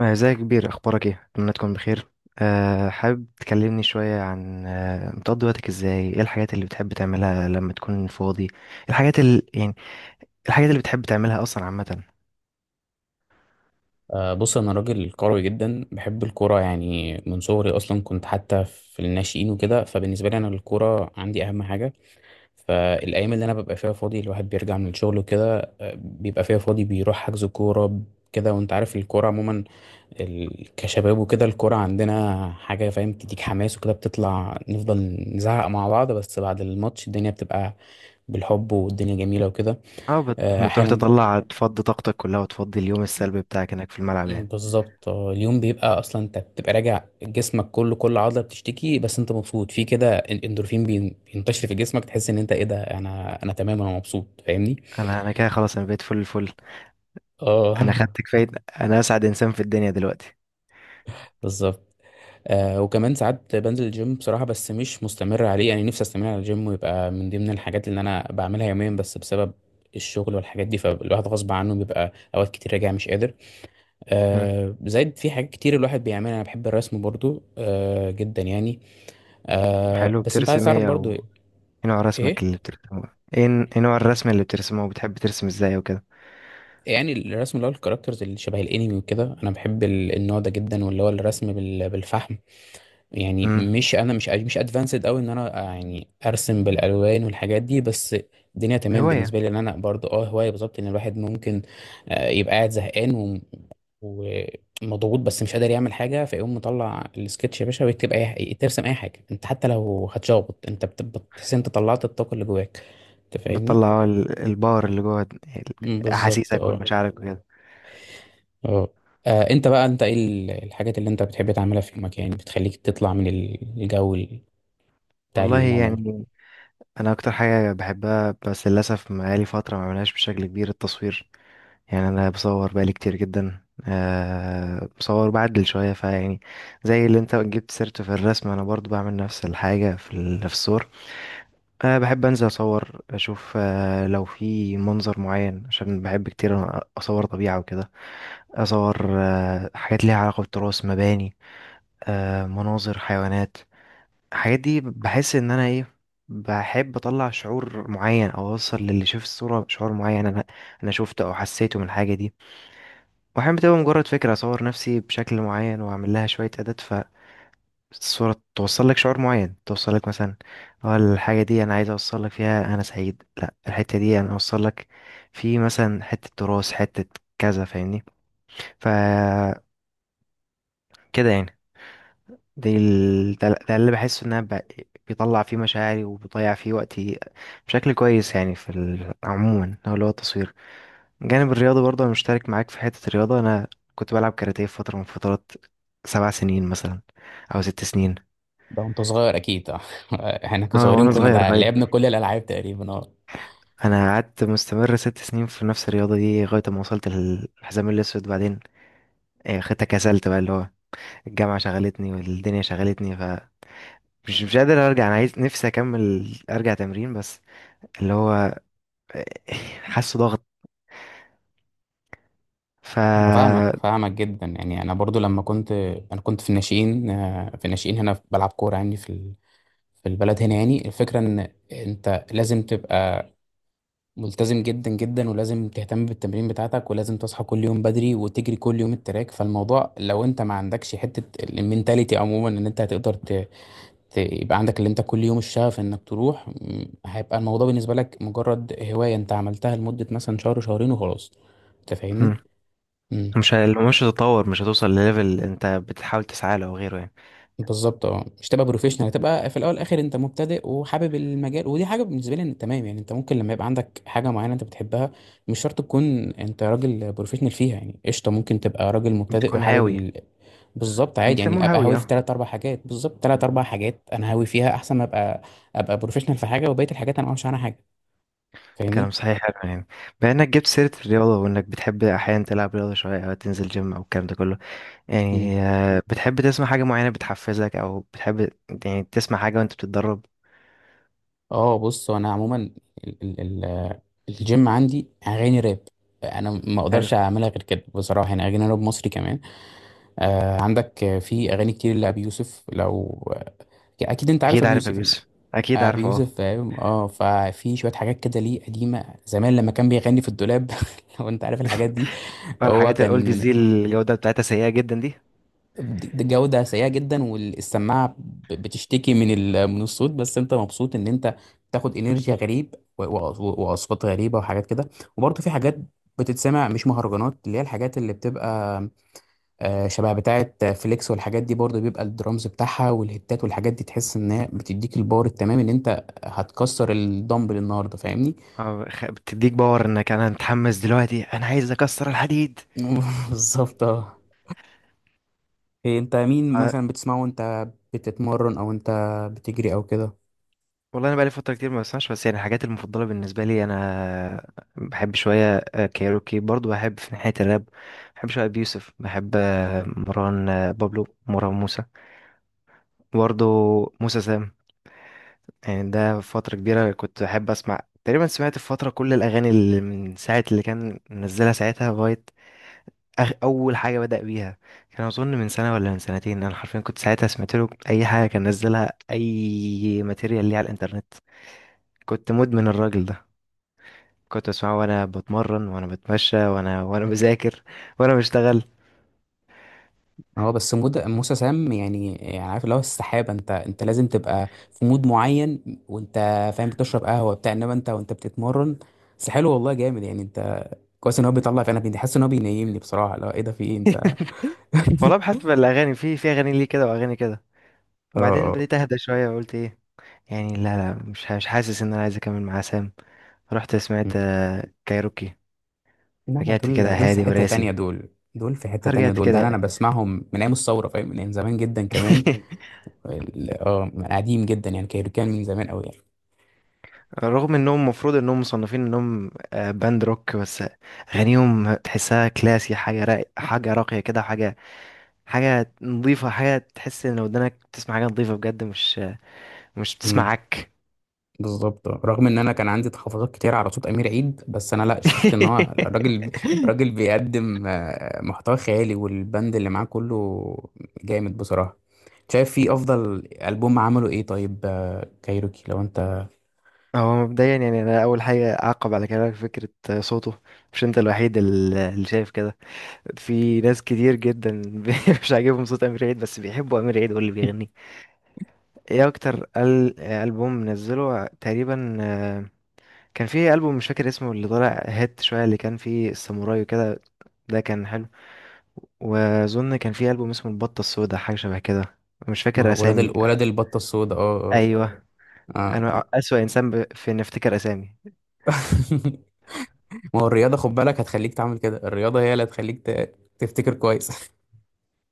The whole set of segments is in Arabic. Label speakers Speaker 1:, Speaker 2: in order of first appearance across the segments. Speaker 1: ازيك يا كبير، اخبارك ايه؟ اتمنى تكون بخير. حابب تكلمني شويه عن بتقضي وقتك ازاي، ايه الحاجات اللي بتحب تعملها لما تكون فاضي؟ الحاجات اللي يعني، الحاجات اللي بتحب تعملها اصلا عامه.
Speaker 2: بص انا راجل كروي جدا بحب الكوره، يعني من صغري اصلا كنت حتى في الناشئين وكده. فبالنسبه لي انا الكوره عندي اهم حاجه. فالايام اللي انا ببقى فيها فاضي، الواحد بيرجع من الشغل وكده بيبقى فيها فاضي، بيروح حجز كوره كده. وانت عارف الكوره عموما، كشباب وكده، الكوره عندنا حاجه، فاهم، تديك حماس وكده، بتطلع نفضل نزعق مع بعض. بس بعد الماتش الدنيا بتبقى بالحب والدنيا جميله وكده.
Speaker 1: بتروح
Speaker 2: احيانا.
Speaker 1: تطلع تفضي طاقتك كلها وتفضي اليوم السلبي بتاعك هناك في الملعب يعني؟
Speaker 2: بالظبط. اليوم بيبقى، اصلا انت بتبقى راجع جسمك كله، كل عضله بتشتكي، بس انت مبسوط في كده. الاندورفين بينتشر في جسمك، تحس ان انت ايه ده، انا تمام، انا مبسوط، فاهمني.
Speaker 1: انا كده خلاص، انا بقيت فل الفل. انا
Speaker 2: اه.
Speaker 1: خدت كفايه، انا اسعد انسان في الدنيا دلوقتي.
Speaker 2: بالظبط. وكمان ساعات بنزل الجيم بصراحه، بس مش مستمر عليه يعني، نفسي استمر على الجيم ويبقى من ضمن الحاجات اللي انا بعملها يوميا، بس بسبب الشغل والحاجات دي، فالواحد غصب عنه بيبقى اوقات كتير راجع مش قادر.
Speaker 1: مم.
Speaker 2: زائد في حاجات كتير الواحد بيعملها، انا بحب الرسم برضو جدا يعني.
Speaker 1: حلو،
Speaker 2: بس انت عايز
Speaker 1: بترسم
Speaker 2: تعرف
Speaker 1: ايه،
Speaker 2: برضو
Speaker 1: او ايه نوع
Speaker 2: ايه.
Speaker 1: رسمك اللي بترسمه؟ ايه نوع الرسم اللي بترسمه، وبتحب ترسم ازاي وكده؟
Speaker 2: يعني الرسم اللي هو الكاركترز اللي شبه الانمي وكده، انا بحب النوع ده جدا، واللي هو الرسم بالفحم. يعني
Speaker 1: مم.
Speaker 2: مش، انا مش ادفانسد قوي ان انا يعني ارسم بالالوان والحاجات دي بس. الدنيا تمام
Speaker 1: هوايه.
Speaker 2: بالنسبه لي ان انا برضو هوايه بالظبط ان الواحد ممكن. يبقى قاعد زهقان ومضغوط بس مش قادر يعمل حاجه، فيقوم مطلع السكتش يا باشا ويكتب اي، ترسم اي حاجه انت حتى لو هتشخبط، انت بتحس إن انت طلعت الطاقه اللي جواك، انت فاهمني.
Speaker 1: بتطلع الباور اللي جوه
Speaker 2: بالظبط.
Speaker 1: احاسيسك
Speaker 2: اه.
Speaker 1: والمشاعرك وكده.
Speaker 2: اه. انت بقى، انت ايه الحاجات اللي انت بتحب تعملها في يومك يعني، بتخليك تطلع من الجو بتاع
Speaker 1: والله
Speaker 2: اليوم عموما؟
Speaker 1: يعني انا اكتر حاجه بحبها، بس للاسف بقالي فتره ما بعملهاش بشكل كبير، التصوير. يعني انا بصور بقالي كتير جدا، بصور بعدل شويه، فيعني زي اللي انت جبت سيرته في الرسم، انا برضو بعمل نفس الحاجه في في الصور. بحب انزل اصور اشوف لو في منظر معين، عشان بحب كتير اصور طبيعه وكده، اصور حاجات ليها علاقه بالتراث، مباني، مناظر، حيوانات. الحاجات دي بحس ان انا ايه، بحب اطلع شعور معين او اوصل للي شاف الصورة شعور معين انا شفته او حسيته من الحاجة دي. واحيانا بتبقى مجرد فكرة اصور نفسي بشكل معين واعمل لها شوية اعداد، فالصورة توصل لك شعور معين، توصل لك مثلا اه الحاجة دي، انا عايز اوصل لك فيها انا سعيد، لا الحتة دي انا اوصل لك في مثلا حتة تراث، حتة كذا، فاهمني؟ ف كده يعني. ده اللي بحس ان انا بيطلع فيه مشاعري وبيضيع فيه وقتي بشكل كويس، يعني عموما هو اللي هو التصوير. من جانب الرياضة برضه، انا مشترك معاك في حتة الرياضة. انا كنت بلعب كاراتيه في فترة من فترات، سبع سنين مثلا، او ست سنين.
Speaker 2: ده وانت صغير اكيد، اه. احنا
Speaker 1: اه، وانا
Speaker 2: كصغيرين
Speaker 1: حلو
Speaker 2: كنا
Speaker 1: صغير
Speaker 2: ده لعبنا
Speaker 1: لغاية،
Speaker 2: كل الالعاب تقريبا، اه.
Speaker 1: انا قعدت مستمر ست سنين في نفس الرياضة دي لغاية ما وصلت للحزام الاسود. بعدين خدتها، كسلت بقى، اللي هو الجامعة شغلتني والدنيا شغلتني، مش قادر ارجع، انا عايز نفسي اكمل ارجع تمرين، بس اللي هو حاسه ضغط. ف
Speaker 2: أنا فاهمك فاهمك جدا يعني، انا برضو لما كنت، انا كنت في الناشئين، في الناشئين هنا بلعب كوره يعني في البلد هنا، يعني الفكره ان انت لازم تبقى ملتزم جدا جدا، ولازم تهتم بالتمرين بتاعتك، ولازم تصحى كل يوم بدري وتجري كل يوم التراك، فالموضوع لو انت ما عندكش حتة المينتاليتي عموما ان انت هتقدر يبقى عندك اللي انت كل يوم الشغف انك تروح، هيبقى الموضوع بالنسبة لك مجرد هواية انت عملتها لمدة مثلا شهر شهرين وخلاص، انت فاهمني؟
Speaker 1: مم. مش هتتطور، مش هتوصل لليفل انت بتحاول تسعى له او غيره يعني.
Speaker 2: بالظبط، اه. مش تبقى بروفيشنال، تبقى في الاول والاخر انت مبتدئ وحابب المجال، ودي حاجه بالنسبه لي إن تمام يعني، انت ممكن لما يبقى عندك حاجه معينه انت بتحبها مش شرط تكون انت راجل بروفيشنال فيها يعني قشطه، ممكن تبقى راجل مبتدئ
Speaker 1: بتكون
Speaker 2: وحابب
Speaker 1: هاوي.
Speaker 2: بالظبط عادي يعني،
Speaker 1: بيسموه
Speaker 2: ابقى
Speaker 1: هاوي،
Speaker 2: هاوي في
Speaker 1: اه.
Speaker 2: ثلاث اربع حاجات. بالظبط ثلاث اربع حاجات انا هاوي فيها احسن ما ابقى بروفيشنال في حاجه وبقيه الحاجات انا ما اعرفش عنها حاجه،
Speaker 1: كلام
Speaker 2: فاهمني.
Speaker 1: صحيح، حلو يعني. بما انك جبت سيرة الرياضة وانك بتحب احيانا تلعب رياضة شوية او تنزل جيم او الكلام ده كله،
Speaker 2: مم.
Speaker 1: يعني بتحب تسمع حاجة معينة بتحفزك او بتحب يعني تسمع حاجة وانت بتتدرب؟
Speaker 2: اه، بص، هو انا عموما الجيم عندي اغاني راب. انا ما
Speaker 1: حلو.
Speaker 2: اقدرش اعملها غير كده بصراحه يعني، اغاني راب مصري كمان. عندك، في اغاني كتير لابي يوسف، لو اكيد انت عارف
Speaker 1: اكيد
Speaker 2: ابي
Speaker 1: عارف يا
Speaker 2: يوسف يعني.
Speaker 1: يوسف، اكيد
Speaker 2: ابي
Speaker 1: عارف اه.
Speaker 2: يوسف، فاهم. اه، ففي شويه حاجات كده ليه قديمه زمان لما كان بيغني في الدولاب. لو انت عارف الحاجات دي. هو
Speaker 1: الحاجات الاولدز
Speaker 2: كان،
Speaker 1: دي الجودة بتاعتها سيئة جدا دي.
Speaker 2: جوده سيئه جدا، والسماعه بتشتكي من من الصوت، بس انت مبسوط ان انت تاخد انرجي غريب واصوات غريبه وحاجات كده. وبرضه في حاجات بتتسمع مش مهرجانات، اللي هي الحاجات اللي بتبقى شبه بتاعة فليكس، والحاجات دي برضه بيبقى الدرامز بتاعها والهتات والحاجات دي، تحس ان هي بتديك الباور التمام ان انت هتكسر الدمبل النهارده، فاهمني.
Speaker 1: بتديك باور انك انا متحمس دلوقتي، انا عايز اكسر الحديد.
Speaker 2: بالظبط، اه. إيه، انت مين
Speaker 1: آه،
Speaker 2: مثلا بتسمعه وانت بتتمرن، او انت بتجري او كده؟
Speaker 1: والله انا بقالي فتره كتير ما بسمعش، بس يعني الحاجات المفضله بالنسبه لي انا، بحب شويه كايروكي، برضو بحب في ناحيه الراب، بحب شويه بيوسف، بحب مروان، بابلو، مروان موسى برضو، موسى سام. يعني ده فتره كبيره كنت بحب اسمع، تقريبا سمعت في فتره كل الاغاني اللي من ساعه اللي كان منزلها ساعتها لغايه اول حاجه بدأ بيها، كان اظن من سنه ولا من سنتين. انا حرفيا كنت ساعتها سمعت له اي حاجه كان نزلها، اي ماتيريال ليه على الانترنت. كنت مدمن الراجل ده، كنت اسمعه وانا بتمرن وانا بتمشى وانا وانا بذاكر وانا بشتغل.
Speaker 2: اه بس مود موسى سام يعني عارف اللي هو السحابة، انت لازم تبقى في مود معين وانت فاهم، بتشرب قهوة بتاع، انما انت وانت بتتمرن. بس حلو والله، جامد يعني. انت كويس ان هو بيطلع، في انا حاسس ان هو بينيمني بصراحة. لا ايه ده، في ايه انت؟
Speaker 1: والله بحسب الاغاني، في اغاني ليه كده واغاني كده. وبعدين
Speaker 2: اه
Speaker 1: بديت اهدى شويه وقلت ايه يعني، لا لا، مش حاسس ان انا عايز اكمل مع سام. رحت
Speaker 2: لا،
Speaker 1: سمعت كايروكي، رجعت كده
Speaker 2: دول في
Speaker 1: هادي
Speaker 2: حتة تانية
Speaker 1: وراسي،
Speaker 2: دول، دول في حتة تانية
Speaker 1: رجعت
Speaker 2: دول، ده أنا
Speaker 1: كده.
Speaker 2: بسمعهم من أيام الثورة، فاهم، من أيام زمان جدا كمان. اه، من قديم جدا يعني كان من زمان أوي يعني.
Speaker 1: رغم انهم المفروض انهم مصنفين انهم باند روك، بس اغانيهم تحسها كلاسي، حاجه راق، حاجه راقيه كده، حاجه حاجه نظيفه، حاجه تحس ان لو ودنك بتسمع حاجه نظيفه بجد، مش بتسمع
Speaker 2: امم
Speaker 1: عك.
Speaker 2: بالظبط، رغم إن أنا كان عندي تحفظات كتير على صوت أمير عيد، بس أنا لا، شفت إن هو الراجل، راجل بيقدم محتوى خيالي، والبند اللي معاه كله جامد بصراحة. شايف فيه أفضل ألبوم عمله إيه؟ طيب كايروكي لو أنت.
Speaker 1: هو مبدئيا يعني انا اول حاجه اعقب على كلامك، فكره صوته، مش انت الوحيد اللي شايف كده، في ناس كتير جدا مش عاجبهم صوت امير عيد، بس بيحبوا امير عيد واللي بيغنيه. ايه اكتر البوم منزله تقريبا؟ كان في ألبوم مش فاكر اسمه، اللي طالع هات شوية، اللي كان فيه الساموراي وكده، ده كان حلو. وأظن كان في ألبوم اسمه البطة السوداء، حاجة شبه كده، مش فاكر
Speaker 2: ولاد
Speaker 1: أسامي.
Speaker 2: ولاد البطة السوداء، اه.
Speaker 1: أيوه.
Speaker 2: اه. آه.
Speaker 1: أنا أسوأ إنسان في إني أفتكر أسامي.
Speaker 2: ما هو الرياضة خد بالك هتخليك تعمل كده، الرياضة هي اللي هتخليك تفتكر كويس.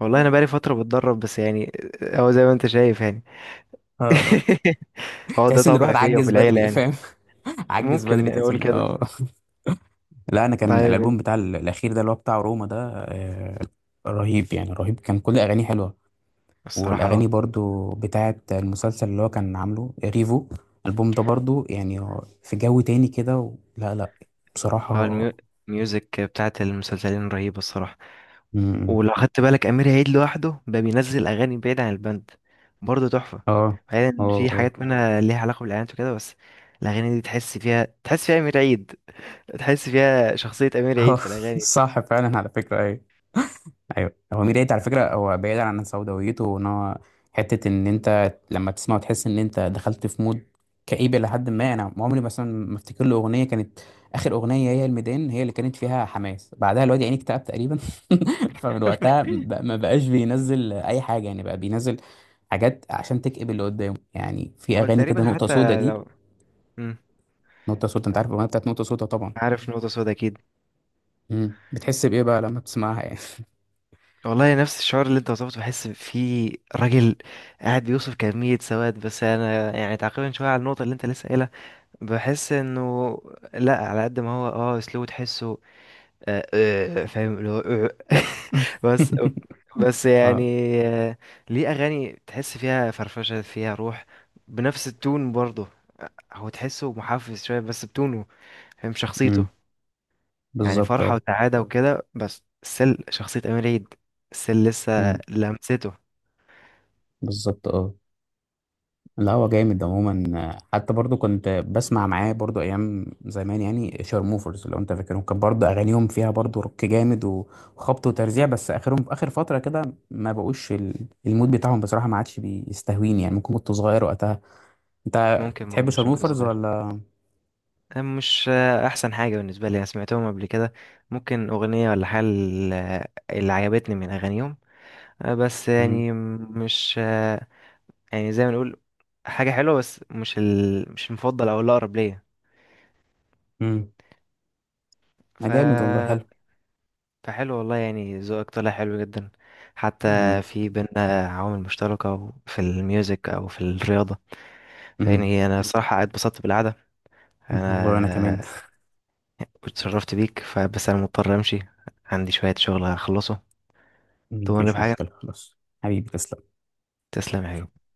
Speaker 1: والله أنا بقالي فترة بتدرب، بس يعني هو زي ما أنت شايف يعني.
Speaker 2: آه.
Speaker 1: هو ده
Speaker 2: تحس ان
Speaker 1: طبع
Speaker 2: الواحد
Speaker 1: فيا وفي
Speaker 2: عجز
Speaker 1: العيلة
Speaker 2: بدري، فاهم.
Speaker 1: يعني.
Speaker 2: عجز
Speaker 1: ممكن
Speaker 2: بدري، تحس
Speaker 1: نقول
Speaker 2: ان،
Speaker 1: كده.
Speaker 2: اه. لا، انا كان الالبوم
Speaker 1: طيب.
Speaker 2: بتاع الاخير ده اللي هو بتاع روما ده، آه، رهيب يعني، رهيب كان، كل اغانيه حلوه.
Speaker 1: الصراحة اه.
Speaker 2: والاغاني برضو بتاعه المسلسل اللي هو كان عامله ريفو، الالبوم ده برضو يعني هو في جو تاني كده لا، لا
Speaker 1: هو
Speaker 2: بصراحه.
Speaker 1: الميو- الميوزك بتاعت المسلسلين رهيبة الصراحة.
Speaker 2: م.
Speaker 1: ولو خدت بالك امير عيد لوحده بقى بينزل اغاني بعيد عن البند، برضه تحفه.
Speaker 2: اه.
Speaker 1: بعيد ان
Speaker 2: اه.
Speaker 1: في
Speaker 2: اه.
Speaker 1: حاجات منها ليها علاقه بالاعلانات وكده، بس الاغاني دي تحس فيها، تحس فيها امير عيد، تحس فيها شخصيه امير
Speaker 2: آه.
Speaker 1: عيد في الاغاني دي.
Speaker 2: صح فعلا على فكره، أيوه. ايوه، هو ميدو ايت على فكره، هو بعيدا عن سوداويته وان هو، حته ان انت لما تسمعه تحس ان انت دخلت في مود كئيب، لحد ما انا عمري مثلا ما افتكر له اغنيه كانت، اخر اغنيه هي الميدان، هي اللي كانت فيها حماس، بعدها الواد يعني اكتئب تقريبا. فمن وقتها ما بقاش بينزل اي حاجه يعني، بقى بينزل حاجات عشان تكئب اللي قدامه يعني، في
Speaker 1: هو
Speaker 2: اغاني كده
Speaker 1: تقريبا
Speaker 2: نقطه سودا
Speaker 1: حتى
Speaker 2: دي.
Speaker 1: لو. مم.
Speaker 2: نقطه سودا، انت عارف الاغنيه بتاعت نقطه سودا طبعا.
Speaker 1: عارف نقطه سودا، اكيد.
Speaker 2: مم. بتحس بايه بقى لما بتسمعها يعني؟
Speaker 1: والله نفس الشعور اللي انت وصفته، بحس فيه راجل قاعد بيوصف كمية سواد. بس انا يعني تعقيبا شوية على النقطة اللي انت لسه قايلها، بحس انه لا، على قد ما هو اه اسلوبه تحسه آه، فاهم اللي هو آه. بس أوك- بس يعني
Speaker 2: اه.
Speaker 1: آه، ليه اغاني تحس فيها فرفشه، فيها روح، بنفس التون برضه. هو تحسه محفز شويه بس بتونه، فاهم شخصيته.
Speaker 2: مم.
Speaker 1: يعني
Speaker 2: بالظبط،
Speaker 1: فرحه وسعاده وكده، بس سل شخصيه امير عيد، سل
Speaker 2: اه.
Speaker 1: لسه لمسته.
Speaker 2: بالظبط، اه. لا هو جامد عموما، حتى برضو كنت بسمع معاه برضو ايام زمان يعني شارموفرز، لو انت فاكرهم، كان برضو اغانيهم فيها برضو روك جامد وخبط وترزيع، بس اخرهم اخر فتره كده، ما بقوش المود بتاعهم بصراحه، ما عادش بيستهويني يعني، ممكن كنت صغير وقتها. انت
Speaker 1: ممكن
Speaker 2: بتحب
Speaker 1: برضه عشان كنت
Speaker 2: شارموفرز
Speaker 1: صغير.
Speaker 2: ولا؟
Speaker 1: أنا مش احسن حاجه بالنسبه لي، انا سمعتهم قبل كده، ممكن اغنيه ولا حاجه اللي عجبتني من اغانيهم، بس
Speaker 2: امم
Speaker 1: يعني مش، يعني زي ما نقول حاجة حلوة، بس مش المفضل أو الأقرب ليا.
Speaker 2: امم ما
Speaker 1: ف...
Speaker 2: جامد والله، حلو.
Speaker 1: فحلو والله يعني، ذوقك طلع حلو جدا. حتى
Speaker 2: امم
Speaker 1: في بينا عوامل مشتركة في الميوزك أو في الرياضة،
Speaker 2: امم
Speaker 1: فيعني أنا الصراحة اتبسطت بالقعدة.
Speaker 2: والله انا كمان.
Speaker 1: أنا اتشرفت بيك، فبس أنا مضطر أمشي، عندي شوية شغل هخلصه.
Speaker 2: مم.
Speaker 1: تمر
Speaker 2: مفيش
Speaker 1: بحاجة؟
Speaker 2: مشكله خلاص. حبيبي تسلم.
Speaker 1: تسلم يا حبيبي.